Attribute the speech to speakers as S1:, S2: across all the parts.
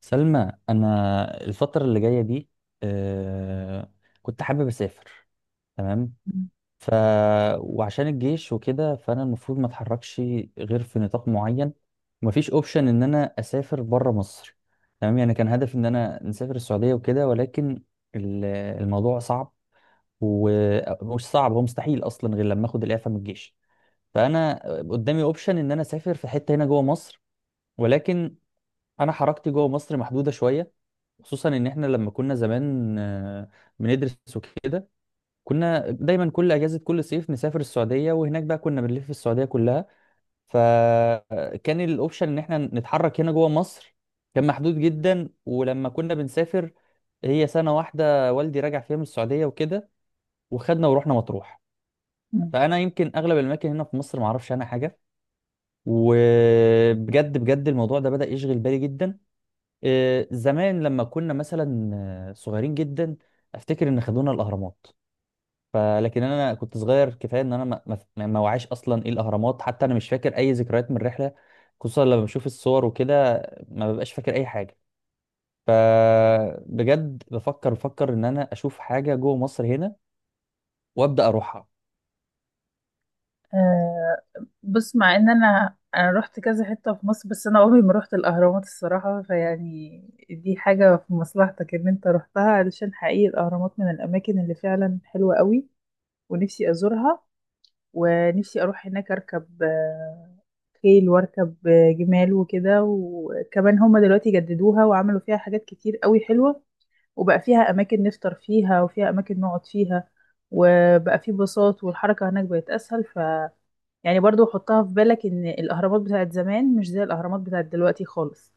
S1: سلمى انا الفتره اللي جايه دي آه، كنت حابب اسافر. تمام. ف وعشان الجيش وكده فانا المفروض ما اتحركش غير في نطاق معين، ومفيش اوبشن ان انا اسافر بره مصر. تمام، يعني كان هدفي ان انا نسافر السعوديه وكده، ولكن ال- الموضوع صعب. ومش صعب، هو مستحيل اصلا غير لما اخد الاعفاء من الجيش. فانا قدامي اوبشن ان انا اسافر في حته هنا جوه مصر، ولكن انا حركتي جوه مصر محدوده شويه. خصوصا ان احنا لما كنا زمان بندرس وكده، كنا دايما كل اجازه كل صيف نسافر السعوديه، وهناك بقى كنا بنلف السعوديه كلها. فكان الاوبشن ان احنا نتحرك هنا جوه مصر كان محدود جدا. ولما كنا بنسافر، هي سنه واحده والدي راجع فيها من السعوديه وكده، وخدنا ورحنا مطروح.
S2: مم.
S1: فانا يمكن اغلب الاماكن هنا في مصر ما اعرفش عنها حاجه. وبجد بجد الموضوع ده بدأ يشغل بالي جدا. زمان لما كنا مثلا صغيرين جدا، افتكر ان خدونا الاهرامات. فلكن انا كنت صغير كفايه ان انا ما وعيش اصلا ايه الاهرامات، حتى انا مش فاكر اي ذكريات من الرحله. خصوصا لما بشوف الصور وكده، ما ببقاش فاكر اي حاجه. فبجد بفكر ان انا اشوف حاجه جوه مصر هنا وابدا اروحها.
S2: آه بص، مع ان انا رحت كذا حته في مصر. بس انا عمري ما رحت الاهرامات الصراحه، فيعني دي حاجه في مصلحتك ان انت رحتها، علشان حقيقي الاهرامات من الاماكن اللي فعلا حلوه قوي. ونفسي ازورها، ونفسي اروح هناك اركب خيل واركب جمال وكده. وكمان هما دلوقتي جددوها وعملوا فيها حاجات كتير قوي حلوه. وبقى فيها أماكن نفطر فيها وفيها أماكن نقعد فيها. وبقى فيه باصات والحركة هناك بقت أسهل. يعني برضو حطها في بالك، إن الأهرامات بتاعت زمان مش زي الأهرامات بتاعت دلوقتي خالص.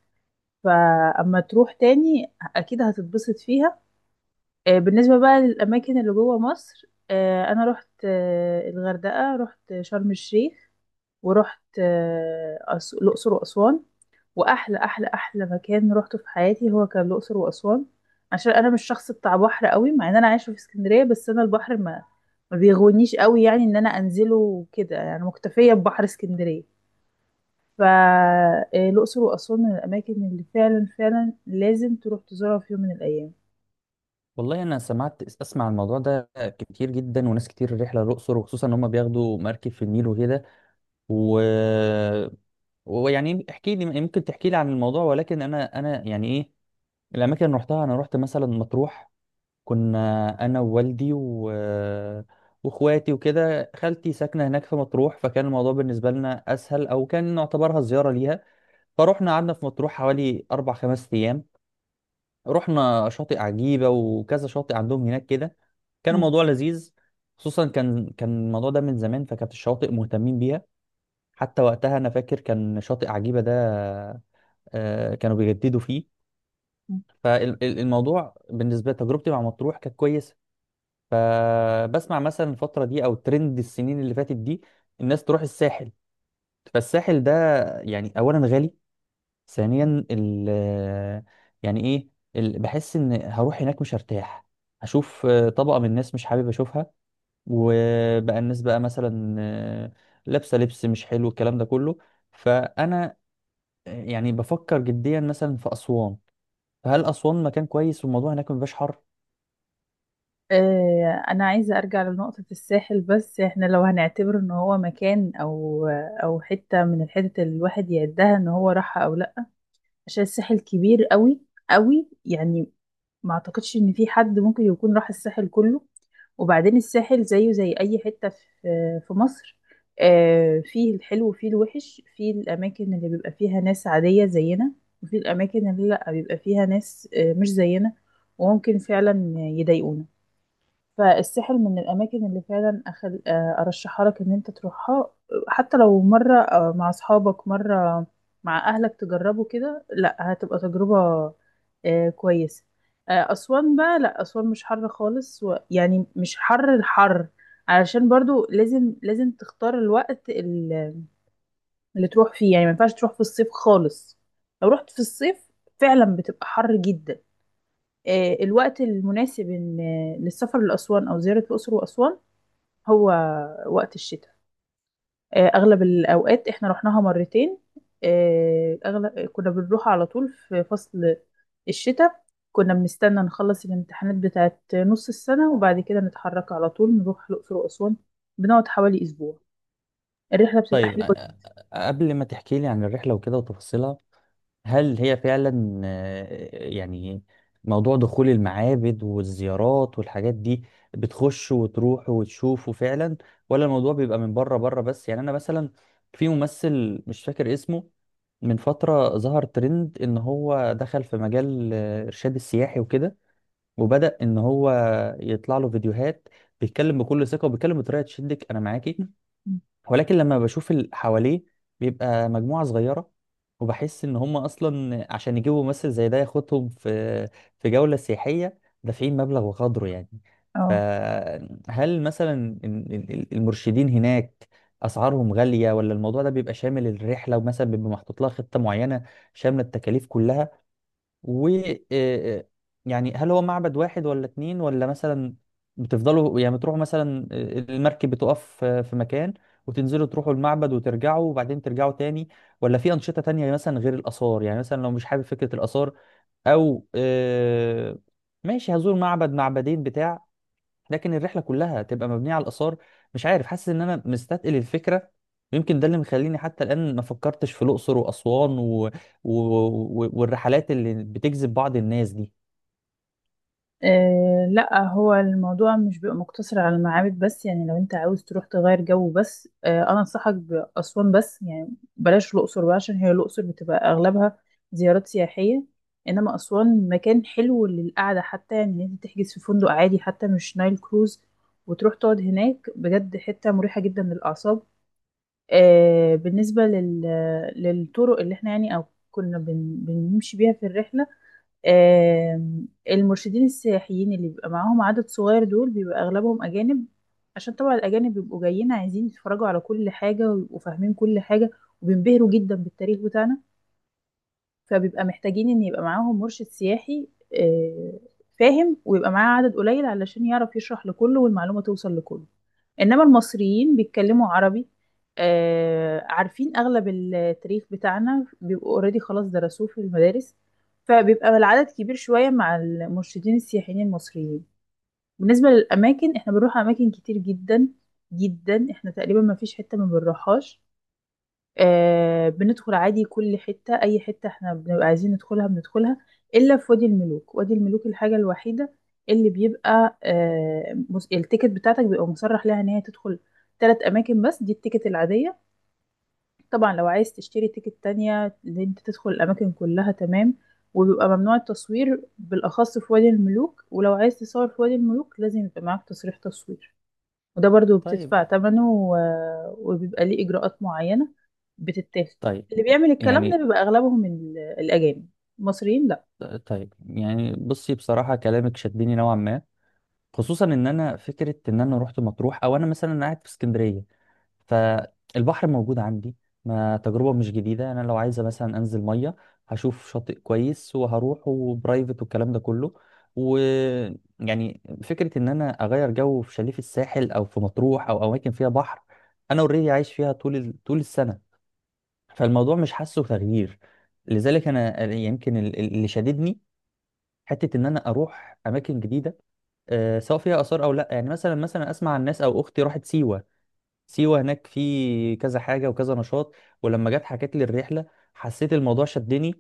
S2: فأما تروح تاني أكيد هتتبسط فيها. بالنسبة بقى للأماكن اللي جوه مصر، أنا رحت الغردقة، رحت شرم الشيخ، ورحت الأقصر وأسوان. واحلى احلى احلى مكان روحته في حياتي هو كان الاقصر واسوان. عشان انا مش شخص بتاع بحر قوي، مع ان انا عايشه في اسكندريه. بس انا البحر ما بيغونيش قوي، يعني ان انا انزله وكده. يعني مكتفيه ببحر اسكندريه. فالاقصر واسوان من الاماكن اللي فعلا فعلا لازم تروح تزورها في يوم من الايام.
S1: والله انا اسمع الموضوع ده كتير جدا، وناس كتير الرحله للاقصر، وخصوصا ان هم بياخدوا مركب في النيل وكده. و ويعني احكي لي، ممكن تحكي لي عن الموضوع. ولكن انا يعني ايه، الاماكن اللي رحتها، انا رحت مثلا مطروح. كنا انا ووالدي و... واخواتي وكده، خالتي ساكنه هناك في مطروح، فكان الموضوع بالنسبه لنا اسهل، او كان نعتبرها زياره ليها. فروحنا قعدنا في مطروح حوالي اربع خمس ايام. رحنا شاطئ عجيبه وكذا شاطئ عندهم هناك كده. كان
S2: مم.
S1: الموضوع لذيذ. خصوصا كان الموضوع ده من زمان، فكانت الشواطئ مهتمين بيها. حتى وقتها انا فاكر كان شاطئ عجيبه ده كانوا بيجددوا فيه.
S2: مم.
S1: فالموضوع بالنسبه لتجربتي مع مطروح كانت كويسه. فبسمع مثلا الفتره دي او ترند السنين اللي فاتت دي، الناس تروح الساحل. فالساحل ده يعني اولا غالي، ثانيا يعني ايه، بحس ان هروح هناك مش هرتاح. هشوف طبقه من الناس مش حابب اشوفها، وبقى الناس بقى مثلا لابسه لبس مش حلو، الكلام ده كله. فانا يعني بفكر جديا مثلا في اسوان. فهل أسوان مكان كويس، والموضوع هناك مبيبقاش حر؟
S2: انا عايزه ارجع لنقطه الساحل. بس احنا لو هنعتبر ان هو مكان او حته من الحتت اللي الواحد يعدها ان هو راحها او لا، عشان الساحل كبير قوي قوي، يعني. ما اعتقدش ان في حد ممكن يكون راح الساحل كله. وبعدين الساحل زيه زي اي حتة في مصر. فيه الحلو وفيه الوحش. فيه الاماكن اللي بيبقى فيها ناس عادية زينا، وفيه الاماكن اللي لا بيبقى فيها ناس مش زينا، وممكن فعلا يضايقونا. فالساحل من الأماكن اللي فعلا أخل... آه، أرشحها لك إن أنت تروحها. حتى لو مرة مع أصحابك، مرة مع أهلك، تجربوا كده، لأ هتبقى تجربة كويسة. أسوان بقى، لأ أسوان مش حر خالص. يعني مش حر الحر، علشان برضو لازم لازم تختار الوقت اللي تروح فيه، يعني ما ينفعش تروح في الصيف خالص. لو رحت في الصيف فعلا بتبقى حر جدا. الوقت المناسب للسفر لأسوان أو زيارة الأقصر وأسوان هو وقت الشتاء. اغلب الاوقات احنا رحناها مرتين. اغلب كنا بنروح على طول في فصل الشتاء. كنا بنستنى نخلص الامتحانات بتاعت نص السنة، وبعد كده نتحرك على طول نروح الأقصر وأسوان، بنقعد حوالي أسبوع. الرحلة بتبقى
S1: طيب،
S2: حلوة جدا.
S1: قبل ما تحكي لي عن الرحلة وكده وتفاصيلها، هل هي فعلا يعني موضوع دخول المعابد والزيارات والحاجات دي، بتخش وتروح وتشوفه فعلا، ولا الموضوع بيبقى من بره بره بس؟ يعني أنا مثلا في ممثل مش فاكر اسمه، من فترة ظهر ترند إن هو دخل في مجال إرشاد السياحي وكده، وبدأ إن هو يطلع له فيديوهات، بيتكلم بكل ثقة وبيتكلم بطريقة تشدك أنا معاكي. ولكن لما بشوف اللي حواليه، بيبقى مجموعة صغيرة، وبحس ان هم اصلا عشان يجيبوا ممثل زي ده ياخدهم في في جولة سياحية، دافعين مبلغ وقدره يعني.
S2: اه.
S1: فهل مثلا المرشدين هناك اسعارهم غالية، ولا الموضوع ده بيبقى شامل الرحلة، ومثلا بيبقى محطوط لها خطة معينة شاملة التكاليف كلها؟ و آه، آه، يعني هل هو معبد واحد ولا اتنين، ولا مثلا بتفضلوا، يعني بتروحوا مثلا المركب بتقف في مكان وتنزلوا تروحوا المعبد وترجعوا، وبعدين ترجعوا تاني؟ ولا في أنشطة تانية مثلا غير الآثار؟ يعني مثلا لو مش حابب فكرة الآثار، أو ماشي هزور معبد معبدين بتاع، لكن الرحله كلها تبقى مبنيه على الاثار. مش عارف، حاسس ان انا مستثقل الفكره. يمكن ده اللي مخليني حتى الان ما فكرتش في الاقصر واسوان و... و... و... والرحلات اللي بتجذب بعض الناس دي.
S2: لا، هو الموضوع مش بيبقى مقتصر على المعابد بس. يعني لو انت عاوز تروح تغير جو بس، انا انصحك بأسوان بس، يعني بلاش الأقصر بقى، عشان هي الأقصر بتبقى اغلبها زيارات سياحية. انما أسوان مكان حلو للقعدة، حتى يعني انت تحجز في فندق عادي، حتى مش نايل كروز، وتروح تقعد هناك. بجد حتة مريحة جدا للأعصاب. بالنسبة للطرق اللي احنا يعني، او كنا بنمشي بيها في الرحلة. المرشدين السياحيين اللي بيبقى معاهم عدد صغير، دول بيبقى أغلبهم أجانب. عشان طبعا الأجانب بيبقوا جايين، عايزين يتفرجوا على كل حاجة ويبقوا فاهمين كل حاجة، وبينبهروا جدا بالتاريخ بتاعنا. فبيبقى محتاجين ان يبقى معاهم مرشد سياحي آه، فاهم، ويبقى معاه عدد قليل، علشان يعرف يشرح لكله والمعلومة توصل لكله. انما المصريين بيتكلموا عربي، عارفين اغلب التاريخ بتاعنا، بيبقوا اوريدي خلاص درسوه في المدارس. فبيبقى العدد كبير شوية مع المرشدين السياحيين المصريين. بالنسبة للأماكن احنا بنروح أماكن كتير جدا جدا. احنا تقريبا ما فيش حتة ما بنروحهاش. بندخل عادي كل حتة. أي حتة احنا بنبقى عايزين ندخلها بندخلها، إلا في وادي الملوك. وادي الملوك الحاجة الوحيدة اللي بيبقى التيكت بتاعتك بيبقى مصرح لها إن هي تدخل تلات أماكن بس، دي التيكت العادية. طبعا لو عايز تشتري تيكت تانية اللي انت تدخل الأماكن كلها، تمام. وبيبقى ممنوع التصوير بالأخص في وادي الملوك، ولو عايز تصور في وادي الملوك لازم يبقى معاك تصريح تصوير. وده برضو
S1: طيب.
S2: بتدفع ثمنه، و... وبيبقى ليه إجراءات معينة بتتاخد.
S1: طيب
S2: اللي بيعمل الكلام ده
S1: يعني.
S2: بيبقى أغلبهم الأجانب. المصريين لا.
S1: طيب يعني بصي، بصراحه كلامك شدني نوعا ما. خصوصا ان انا فكره ان انا رحت مطروح، او انا مثلا قاعد في اسكندريه فالبحر موجود عندي، ما تجربة مش جديدة. أنا لو عايزة مثلا أنزل مية، هشوف شاطئ كويس وهروح وبرايفت والكلام ده كله. ويعني فكرة إن أنا أغير جو في شاليه في الساحل، أو في مطروح، أو أماكن فيها بحر، أنا أوريدي عايش فيها طول طول السنة، فالموضوع مش حاسه تغيير. لذلك أنا يمكن اللي شددني حتة إن أنا أروح أماكن جديدة، سواء فيها آثار أو لأ. يعني مثلا مثلا أسمع عن ناس، أو أختي راحت سيوة. سيوة هناك في كذا حاجة وكذا نشاط. ولما جت حكت لي الرحلة، حسيت الموضوع شدني.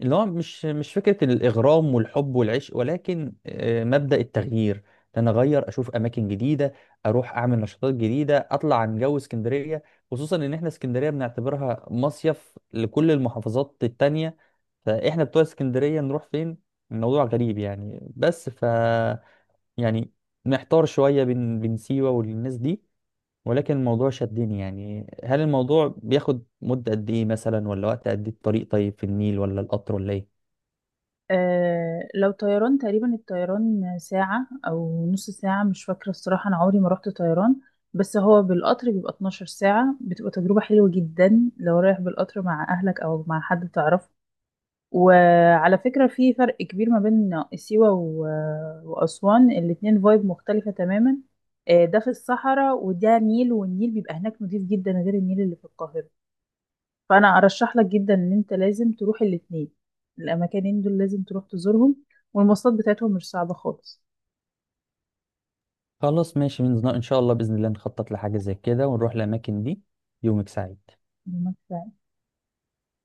S1: اللي هو مش فكرة الإغرام والحب والعشق، ولكن مبدأ التغيير. إن أنا أغير أشوف أماكن جديدة، أروح أعمل نشاطات جديدة، أطلع عن جو اسكندرية. خصوصا إن إحنا اسكندرية بنعتبرها مصيف لكل المحافظات التانية، فإحنا بتوع اسكندرية نروح فين؟ الموضوع غريب يعني. بس ف يعني محتار شوية بين سيوة والناس دي. ولكن الموضوع شدني. يعني هل الموضوع بياخد مدة قد ايه مثلا، ولا وقت قد ايه، الطريق طيب في النيل ولا القطر ولا ايه؟
S2: لو طيران تقريبا الطيران ساعة أو نص ساعة، مش فاكرة الصراحة، أنا عمري ما رحت طيران. بس هو بالقطر بيبقى 12 ساعة، بتبقى تجربة حلوة جدا لو رايح بالقطر مع أهلك أو مع حد تعرفه. وعلى فكرة في فرق كبير ما بين سيوة و- وأسوان، الاتنين فايب مختلفة تماما. ده في الصحراء وده نيل، والنيل بيبقى هناك نضيف جدا غير النيل اللي في القاهرة. فأنا أرشح لك جدا إن أنت لازم تروح الاتنين. الأماكنين دول لازم تروح تزورهم. والمواصلات بتاعتهم مش صعبة خالص.
S1: خلاص ماشي، من ان شاء الله بإذن الله نخطط لحاجة زي كده ونروح الأماكن دي. يومك سعيد.